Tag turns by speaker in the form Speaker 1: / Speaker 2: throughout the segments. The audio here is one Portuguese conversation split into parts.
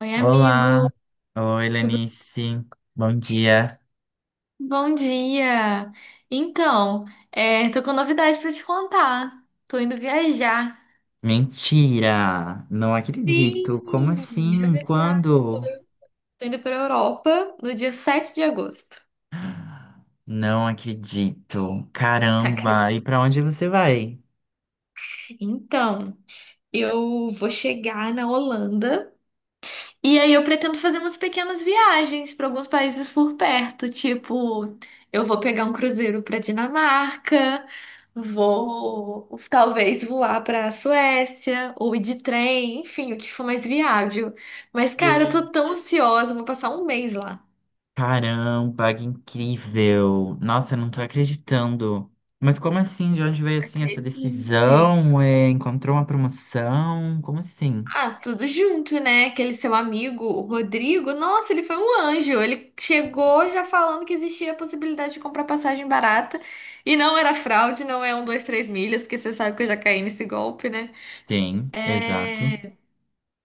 Speaker 1: Oi,
Speaker 2: Olá,
Speaker 1: amigo.
Speaker 2: oi
Speaker 1: Tudo
Speaker 2: Lenice, bom dia.
Speaker 1: bom dia. Então, é, tô com novidade pra te contar. Tô indo viajar.
Speaker 2: Mentira, não acredito. Como
Speaker 1: Sim, é
Speaker 2: assim?
Speaker 1: verdade. Tô
Speaker 2: Quando?
Speaker 1: Tô indo pra Europa no dia 7 de agosto.
Speaker 2: Não acredito. Caramba,
Speaker 1: Acredito.
Speaker 2: e pra onde você vai?
Speaker 1: Então, eu vou chegar na Holanda. E aí eu pretendo fazer umas pequenas viagens para alguns países por perto, tipo, eu vou pegar um cruzeiro para Dinamarca, vou talvez voar para Suécia ou ir de trem, enfim, o que for mais viável. Mas cara, eu
Speaker 2: E-
Speaker 1: tô tão ansiosa, vou passar um mês lá.
Speaker 2: Caramba, que incrível. Nossa, eu não tô acreditando. Mas como assim? De onde veio assim essa
Speaker 1: Acredite.
Speaker 2: decisão? É, encontrou uma promoção? Como assim?
Speaker 1: Ah, tudo junto, né? Aquele seu amigo, o Rodrigo, nossa, ele foi um anjo. Ele chegou já falando que existia a possibilidade de comprar passagem barata. E não era fraude, não é um, dois, três milhas, porque você sabe que eu já caí nesse golpe, né?
Speaker 2: Tem, exato.
Speaker 1: É...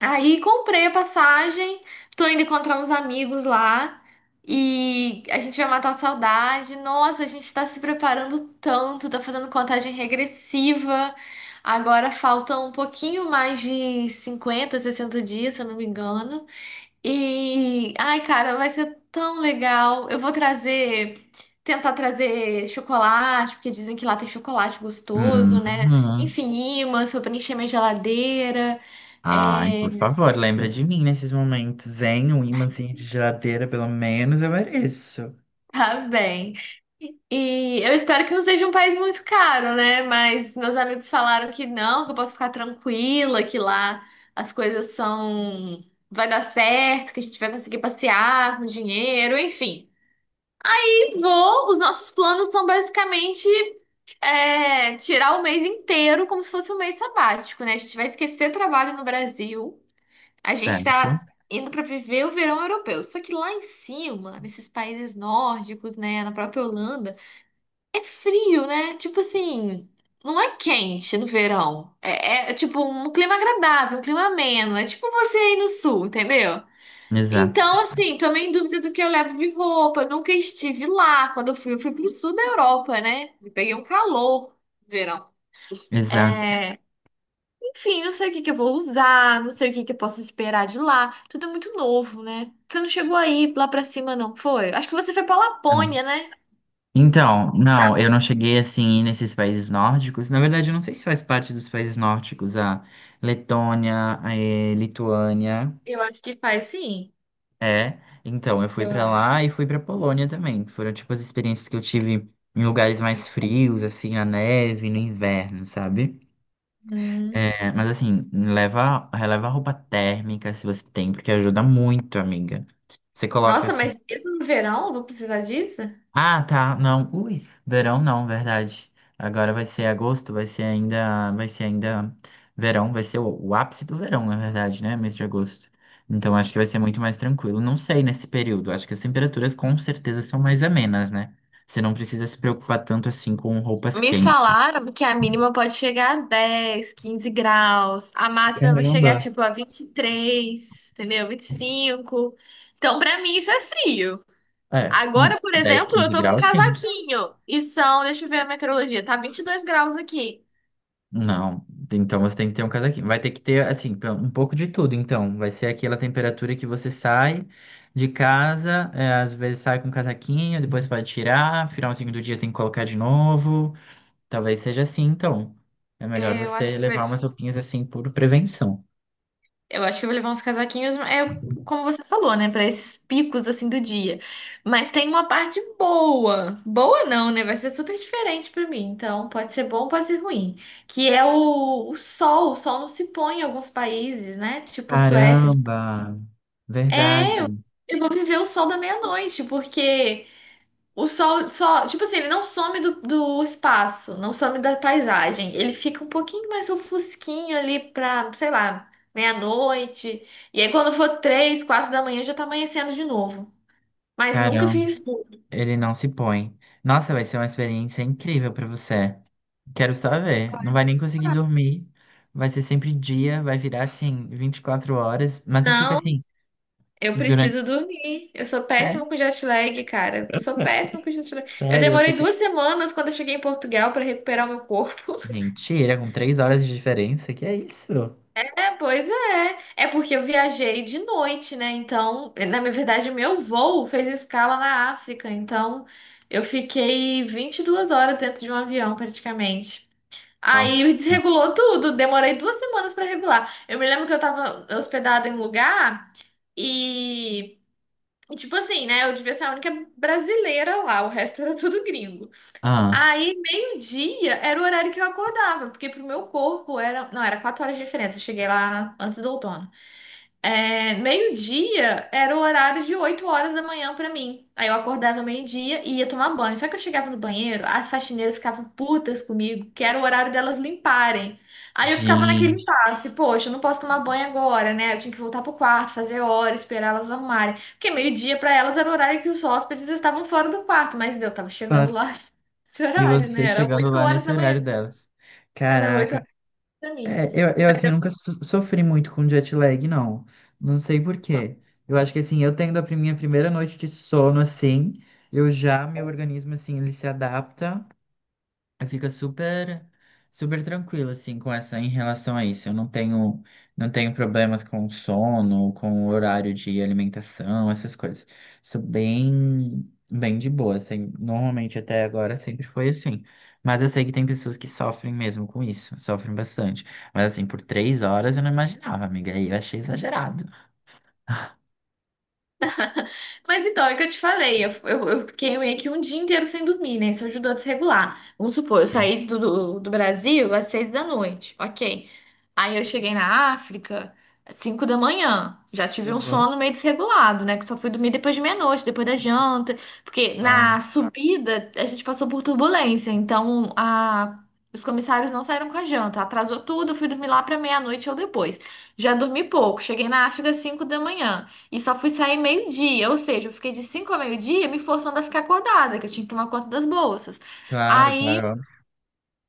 Speaker 1: Aí comprei a passagem, tô indo encontrar uns amigos lá e a gente vai matar a saudade. Nossa, a gente tá se preparando tanto, tá fazendo contagem regressiva. Agora faltam um pouquinho mais de 50, 60 dias, se eu não me engano. E ai, cara, vai ser tão legal. Eu vou trazer, tentar trazer chocolate, porque dizem que lá tem chocolate gostoso, né?
Speaker 2: Uhum.
Speaker 1: Enfim, imãs pra preencher minha geladeira.
Speaker 2: Ai, por
Speaker 1: É,
Speaker 2: favor, lembra de mim nesses momentos, hein? Um imãzinho de geladeira, pelo menos eu mereço.
Speaker 1: tá bem. E eu espero que não seja um país muito caro, né? Mas meus amigos falaram que não, que eu posso ficar tranquila, que lá as coisas são. Vai dar certo, que a gente vai conseguir passear com dinheiro, enfim. E vou, os nossos planos são basicamente é, tirar o mês inteiro como se fosse um mês sabático, né? A gente vai esquecer trabalho no Brasil. A gente
Speaker 2: Certo,
Speaker 1: tá indo para viver o verão europeu. Só que lá em cima, nesses países nórdicos, né, na própria Holanda, é frio, né? Tipo assim, não é quente no verão. É tipo um clima agradável, um clima ameno. É tipo você aí no sul, entendeu?
Speaker 2: exato,
Speaker 1: Então, assim, tô meio em dúvida do que eu levo de roupa. Eu nunca estive lá. Quando eu fui pro sul da Europa, né? E peguei um calor no verão.
Speaker 2: exato.
Speaker 1: É, enfim, não sei o que que eu vou usar, não sei o que que eu posso esperar de lá. Tudo é muito novo, né? Você não chegou aí lá pra cima, não foi? Acho que você foi pra
Speaker 2: Não.
Speaker 1: Lapônia, né?
Speaker 2: Então, não, eu não cheguei assim nesses países nórdicos. Na verdade, eu não sei se faz parte dos países nórdicos, a Letônia, a Lituânia.
Speaker 1: Eu acho que faz sim.
Speaker 2: É, então, eu fui
Speaker 1: Eu
Speaker 2: pra
Speaker 1: acho.
Speaker 2: lá e fui pra Polônia também. Foram tipo as experiências que eu tive em lugares mais frios, assim, na neve, no inverno, sabe?
Speaker 1: Hum.
Speaker 2: É, mas assim, releva a roupa térmica se você tem, porque ajuda muito, amiga. Você coloca
Speaker 1: Nossa,
Speaker 2: assim,
Speaker 1: mas mesmo no verão, vou precisar disso?
Speaker 2: ah, tá, não, ui, verão não, verdade. Agora vai ser agosto, vai ser ainda verão, vai ser o ápice do verão, na verdade, né? Mês de agosto. Então acho que vai ser muito mais tranquilo. Não sei nesse período, acho que as temperaturas com certeza são mais amenas, né? Você não precisa se preocupar tanto assim com roupas
Speaker 1: Me
Speaker 2: quentes.
Speaker 1: falaram que a mínima pode chegar a 10, 15 graus, a máxima vai chegar
Speaker 2: Caramba.
Speaker 1: tipo a 23, entendeu? 25. Então, pra mim, isso é frio.
Speaker 2: É,
Speaker 1: Agora, por
Speaker 2: 10,
Speaker 1: exemplo, eu
Speaker 2: 15
Speaker 1: tô com um
Speaker 2: graus, sim.
Speaker 1: casaquinho e são, deixa eu ver a meteorologia, tá 22 graus aqui.
Speaker 2: Não, então você tem que ter um casaquinho. Vai ter que ter, assim, um pouco de tudo. Então, vai ser aquela temperatura que você sai de casa, é, às vezes sai com um casaquinho, depois pode tirar, finalzinho do dia tem que colocar de novo. Talvez seja assim, então. É melhor
Speaker 1: É, eu acho
Speaker 2: você
Speaker 1: que vai.
Speaker 2: levar umas roupinhas assim por prevenção.
Speaker 1: Eu acho que eu vou levar uns casaquinhos, é como você falou, né? Para esses picos assim do dia. Mas tem uma parte boa. Boa não, né? Vai ser super diferente para mim. Então, pode ser bom, pode ser ruim. Que é o sol. O sol não se põe em alguns países, né? Tipo Suécia.
Speaker 2: Caramba!
Speaker 1: É, eu
Speaker 2: Verdade.
Speaker 1: eu vou viver o sol da meia-noite, porque o sol só, tipo assim, ele não some do espaço, não some da paisagem. Ele fica um pouquinho mais ofusquinho ali pra, sei lá, meia-noite. E aí quando for 3, 4 da manhã já tá amanhecendo de novo. Mas nunca fiz escuro.
Speaker 2: Ele não se põe. Nossa, vai ser uma experiência incrível pra você. Quero só ver. Não vai nem conseguir dormir. Vai ser sempre dia, vai virar assim 24 horas, mas e fica
Speaker 1: Não,
Speaker 2: assim
Speaker 1: eu
Speaker 2: durante.
Speaker 1: preciso dormir. Eu sou
Speaker 2: É?
Speaker 1: péssima com jet lag, cara. Eu sou péssima com jet lag. Eu
Speaker 2: Sério, você
Speaker 1: demorei
Speaker 2: quer.
Speaker 1: 2 semanas quando eu cheguei em Portugal pra recuperar o meu corpo.
Speaker 2: Mentira, com 3 horas de diferença? Que é isso?
Speaker 1: É, pois é. É porque eu viajei de noite, né? Então, na minha verdade, meu voo fez escala na África. Então, eu fiquei 22 horas dentro de um avião, praticamente. Aí
Speaker 2: Nossa.
Speaker 1: desregulou tudo. Demorei duas semanas pra regular. Eu me lembro que eu tava hospedada em um lugar e. Tipo assim, né? Eu devia ser a única brasileira lá, o resto era tudo gringo.
Speaker 2: Ah,
Speaker 1: Aí, meio-dia era o horário que eu acordava, porque pro meu corpo era. Não, era 4 horas de diferença. Eu cheguei lá antes do outono. É, meio-dia era o horário de 8 horas da manhã pra mim. Aí eu acordava no meio-dia e ia tomar banho. Só que eu chegava no banheiro, as faxineiras ficavam putas comigo, que era o horário delas limparem. Aí eu ficava naquele
Speaker 2: gente.
Speaker 1: impasse, poxa, eu não posso tomar banho agora, né? Eu tinha que voltar pro quarto, fazer hora, esperar elas arrumarem. Porque meio-dia pra elas era o horário que os hóspedes estavam fora do quarto, mas eu tava chegando
Speaker 2: par-
Speaker 1: lá esse
Speaker 2: E
Speaker 1: horário, né?
Speaker 2: você
Speaker 1: Era
Speaker 2: chegando
Speaker 1: 8
Speaker 2: lá
Speaker 1: horas
Speaker 2: nesse
Speaker 1: da
Speaker 2: horário
Speaker 1: manhã.
Speaker 2: delas.
Speaker 1: Era 8
Speaker 2: Caraca.
Speaker 1: horas pra mim.
Speaker 2: É, eu, assim, nunca sofri muito com jet lag, não. Não sei por quê. Eu acho que, assim, eu tendo minha primeira noite de sono, assim, eu já, meu organismo, assim, ele se adapta. Aí fica super, super tranquilo, assim, com essa, em relação a isso. Eu não tenho problemas com o sono, com o horário de alimentação, essas coisas. Sou bem, bem de boa, assim. Normalmente até agora sempre foi assim. Mas eu sei que tem pessoas que sofrem mesmo com isso, sofrem bastante. Mas assim, por 3 horas eu não imaginava, amiga. Aí eu achei exagerado.
Speaker 1: Mas então, é o que eu te falei, eu fiquei meio que um dia inteiro sem dormir, né? Isso ajudou a desregular. Vamos supor, eu
Speaker 2: Sim,
Speaker 1: saí do Brasil às 6 da noite, ok. Aí eu cheguei na África às 5 da manhã. Já tive um
Speaker 2: uhum,
Speaker 1: sono meio desregulado, né? Que só fui dormir depois de meia-noite, depois da janta. Porque
Speaker 2: claro,
Speaker 1: na subida a gente passou por turbulência, então a. os comissários não saíram com a janta, atrasou tudo, eu fui dormir lá para meia-noite ou depois. Já dormi pouco, cheguei na África às 5 da manhã. E só fui sair meio-dia, ou seja, eu fiquei de 5 a meio-dia me forçando a ficar acordada, que eu tinha que tomar conta das bolsas.
Speaker 2: claro,
Speaker 1: Aí,
Speaker 2: claro, óbvio.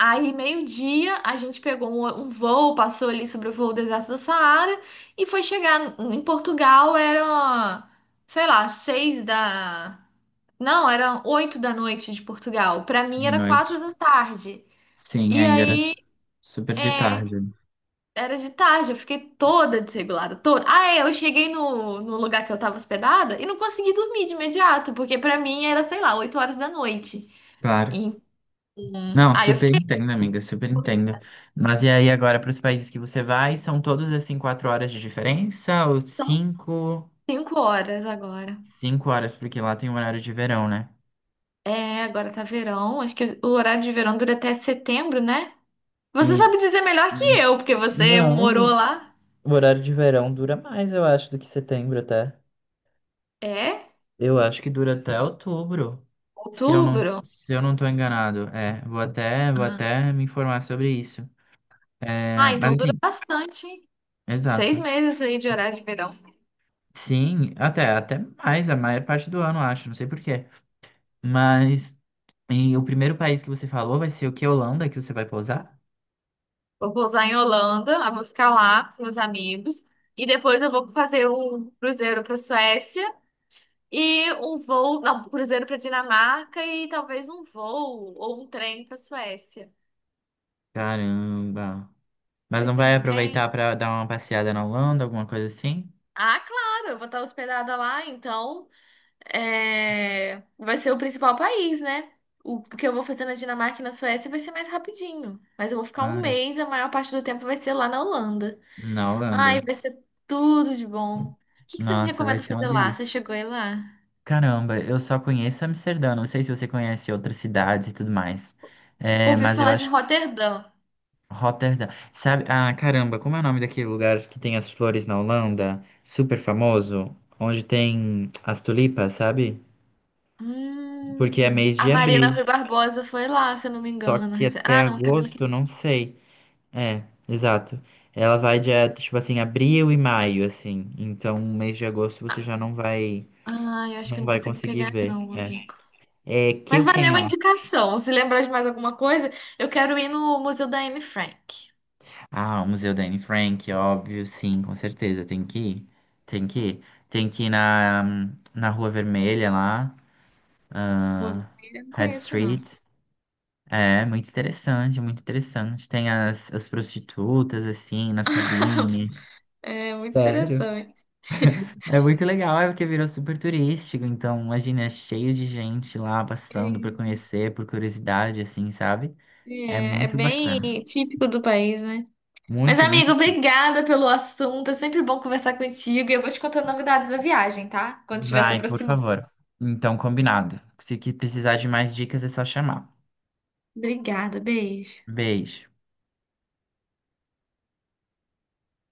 Speaker 1: aí, meio-dia, a gente pegou um voo, passou ali sobre o voo do deserto do Saara e foi chegar em Portugal, era, sei lá, seis da. Não, era 8 da noite de Portugal. Pra mim
Speaker 2: De
Speaker 1: era quatro
Speaker 2: noite.
Speaker 1: da tarde.
Speaker 2: Sim,
Speaker 1: E
Speaker 2: ainda era
Speaker 1: aí,
Speaker 2: super de
Speaker 1: é.
Speaker 2: tarde.
Speaker 1: Era de tarde, eu fiquei toda desregulada, toda. Ah, é, eu cheguei no lugar que eu tava hospedada e não consegui dormir de imediato, porque pra mim era, sei lá, 8 horas da noite.
Speaker 2: Claro.
Speaker 1: Então,
Speaker 2: Não,
Speaker 1: aí eu
Speaker 2: super
Speaker 1: fiquei,
Speaker 2: entendo, amiga, super entendo. Mas e aí agora para os países que você vai, são todos assim 4 horas de diferença ou
Speaker 1: são
Speaker 2: 5,
Speaker 1: 5 horas agora.
Speaker 2: 5 horas, porque lá tem o horário de verão, né?
Speaker 1: É, agora tá verão, acho que o horário de verão dura até setembro, né? Você sabe
Speaker 2: Isso.
Speaker 1: dizer melhor que eu, porque você morou
Speaker 2: Não,
Speaker 1: lá.
Speaker 2: o horário de verão dura mais, eu acho, do que setembro até.
Speaker 1: É?
Speaker 2: Eu acho que dura até outubro,
Speaker 1: Outubro?
Speaker 2: se eu não tô enganado. É, vou
Speaker 1: Ah,
Speaker 2: até me informar sobre isso. É,
Speaker 1: ah, então
Speaker 2: mas
Speaker 1: dura
Speaker 2: assim,
Speaker 1: bastante, hein? Seis
Speaker 2: exato.
Speaker 1: meses aí de horário de verão.
Speaker 2: Sim, até mais, a maior parte do ano, eu acho, não sei por quê. Mas e o primeiro país que você falou vai ser o que? Holanda, que você vai pousar?
Speaker 1: Eu vou pousar em Holanda, eu vou ficar lá com os meus amigos. E depois eu vou fazer um cruzeiro para Suécia e um voo, não, um cruzeiro para Dinamarca e talvez um voo ou um trem para Suécia.
Speaker 2: Caramba. Mas
Speaker 1: Vai
Speaker 2: não
Speaker 1: ser
Speaker 2: vai
Speaker 1: bem.
Speaker 2: aproveitar para dar uma passeada na Holanda, alguma coisa assim?
Speaker 1: Ah, claro, eu vou estar hospedada lá, então é, vai ser o principal país, né? O que eu vou fazer na Dinamarca e na Suécia vai ser mais rapidinho. Mas eu vou ficar um
Speaker 2: Claro.
Speaker 1: mês, a maior parte do tempo vai ser lá na Holanda.
Speaker 2: Na
Speaker 1: Ai,
Speaker 2: Holanda.
Speaker 1: vai ser tudo de bom. O que que você me
Speaker 2: Nossa, vai
Speaker 1: recomenda
Speaker 2: ser uma
Speaker 1: fazer lá? Você
Speaker 2: delícia.
Speaker 1: chegou aí lá?
Speaker 2: Caramba, eu só conheço Amsterdã. Não sei se você conhece outras cidades e tudo mais. É,
Speaker 1: Ouvi
Speaker 2: mas eu
Speaker 1: falar de
Speaker 2: acho que
Speaker 1: Roterdã.
Speaker 2: Rotterdam. Sabe? Ah, caramba, como é o nome daquele lugar que tem as flores na Holanda? Super famoso, onde tem as tulipas, sabe? Porque é mês
Speaker 1: A
Speaker 2: de
Speaker 1: Marina
Speaker 2: abril.
Speaker 1: Rui Barbosa foi lá, se eu não me
Speaker 2: Só
Speaker 1: engano.
Speaker 2: que até
Speaker 1: Ah, não, a Camila
Speaker 2: agosto, eu
Speaker 1: que.
Speaker 2: não sei. É, exato. Ela vai dia, tipo assim, abril e maio, assim. Então, mês de agosto você já
Speaker 1: Ah, eu acho que eu
Speaker 2: não
Speaker 1: não
Speaker 2: vai
Speaker 1: consigo
Speaker 2: conseguir
Speaker 1: pegar,
Speaker 2: ver.
Speaker 1: não,
Speaker 2: É.
Speaker 1: amigo.
Speaker 2: É
Speaker 1: Mas
Speaker 2: Kill King
Speaker 1: valeu a
Speaker 2: Off.
Speaker 1: indicação. Se lembrar de mais alguma coisa, eu quero ir no Museu da Anne Frank.
Speaker 2: Ah, o Museu da Anne Frank, óbvio, sim, com certeza. Tem que ir. Tem que ir. Tem que ir na Rua Vermelha lá.
Speaker 1: Rua
Speaker 2: Ah,
Speaker 1: Vermelha, eu não
Speaker 2: Head
Speaker 1: conheço, não.
Speaker 2: Street. É, muito interessante, muito interessante. Tem as prostitutas, assim, nas cabines.
Speaker 1: É muito
Speaker 2: Sério?
Speaker 1: interessante.
Speaker 2: É muito legal, é porque virou super turístico, então imagina, é cheio de gente lá passando para conhecer, por curiosidade, assim, sabe? É
Speaker 1: É, é
Speaker 2: muito bacana.
Speaker 1: bem típico do país, né? Mas,
Speaker 2: Muito,
Speaker 1: amigo,
Speaker 2: muito tipo.
Speaker 1: obrigada pelo assunto. É sempre bom conversar contigo. E eu vou te contando novidades da viagem, tá? Quando estiver se
Speaker 2: Vai, por
Speaker 1: aproximando.
Speaker 2: favor. Então, combinado. Se que precisar de mais dicas, é só chamar.
Speaker 1: Obrigada, beijo.
Speaker 2: Beijo.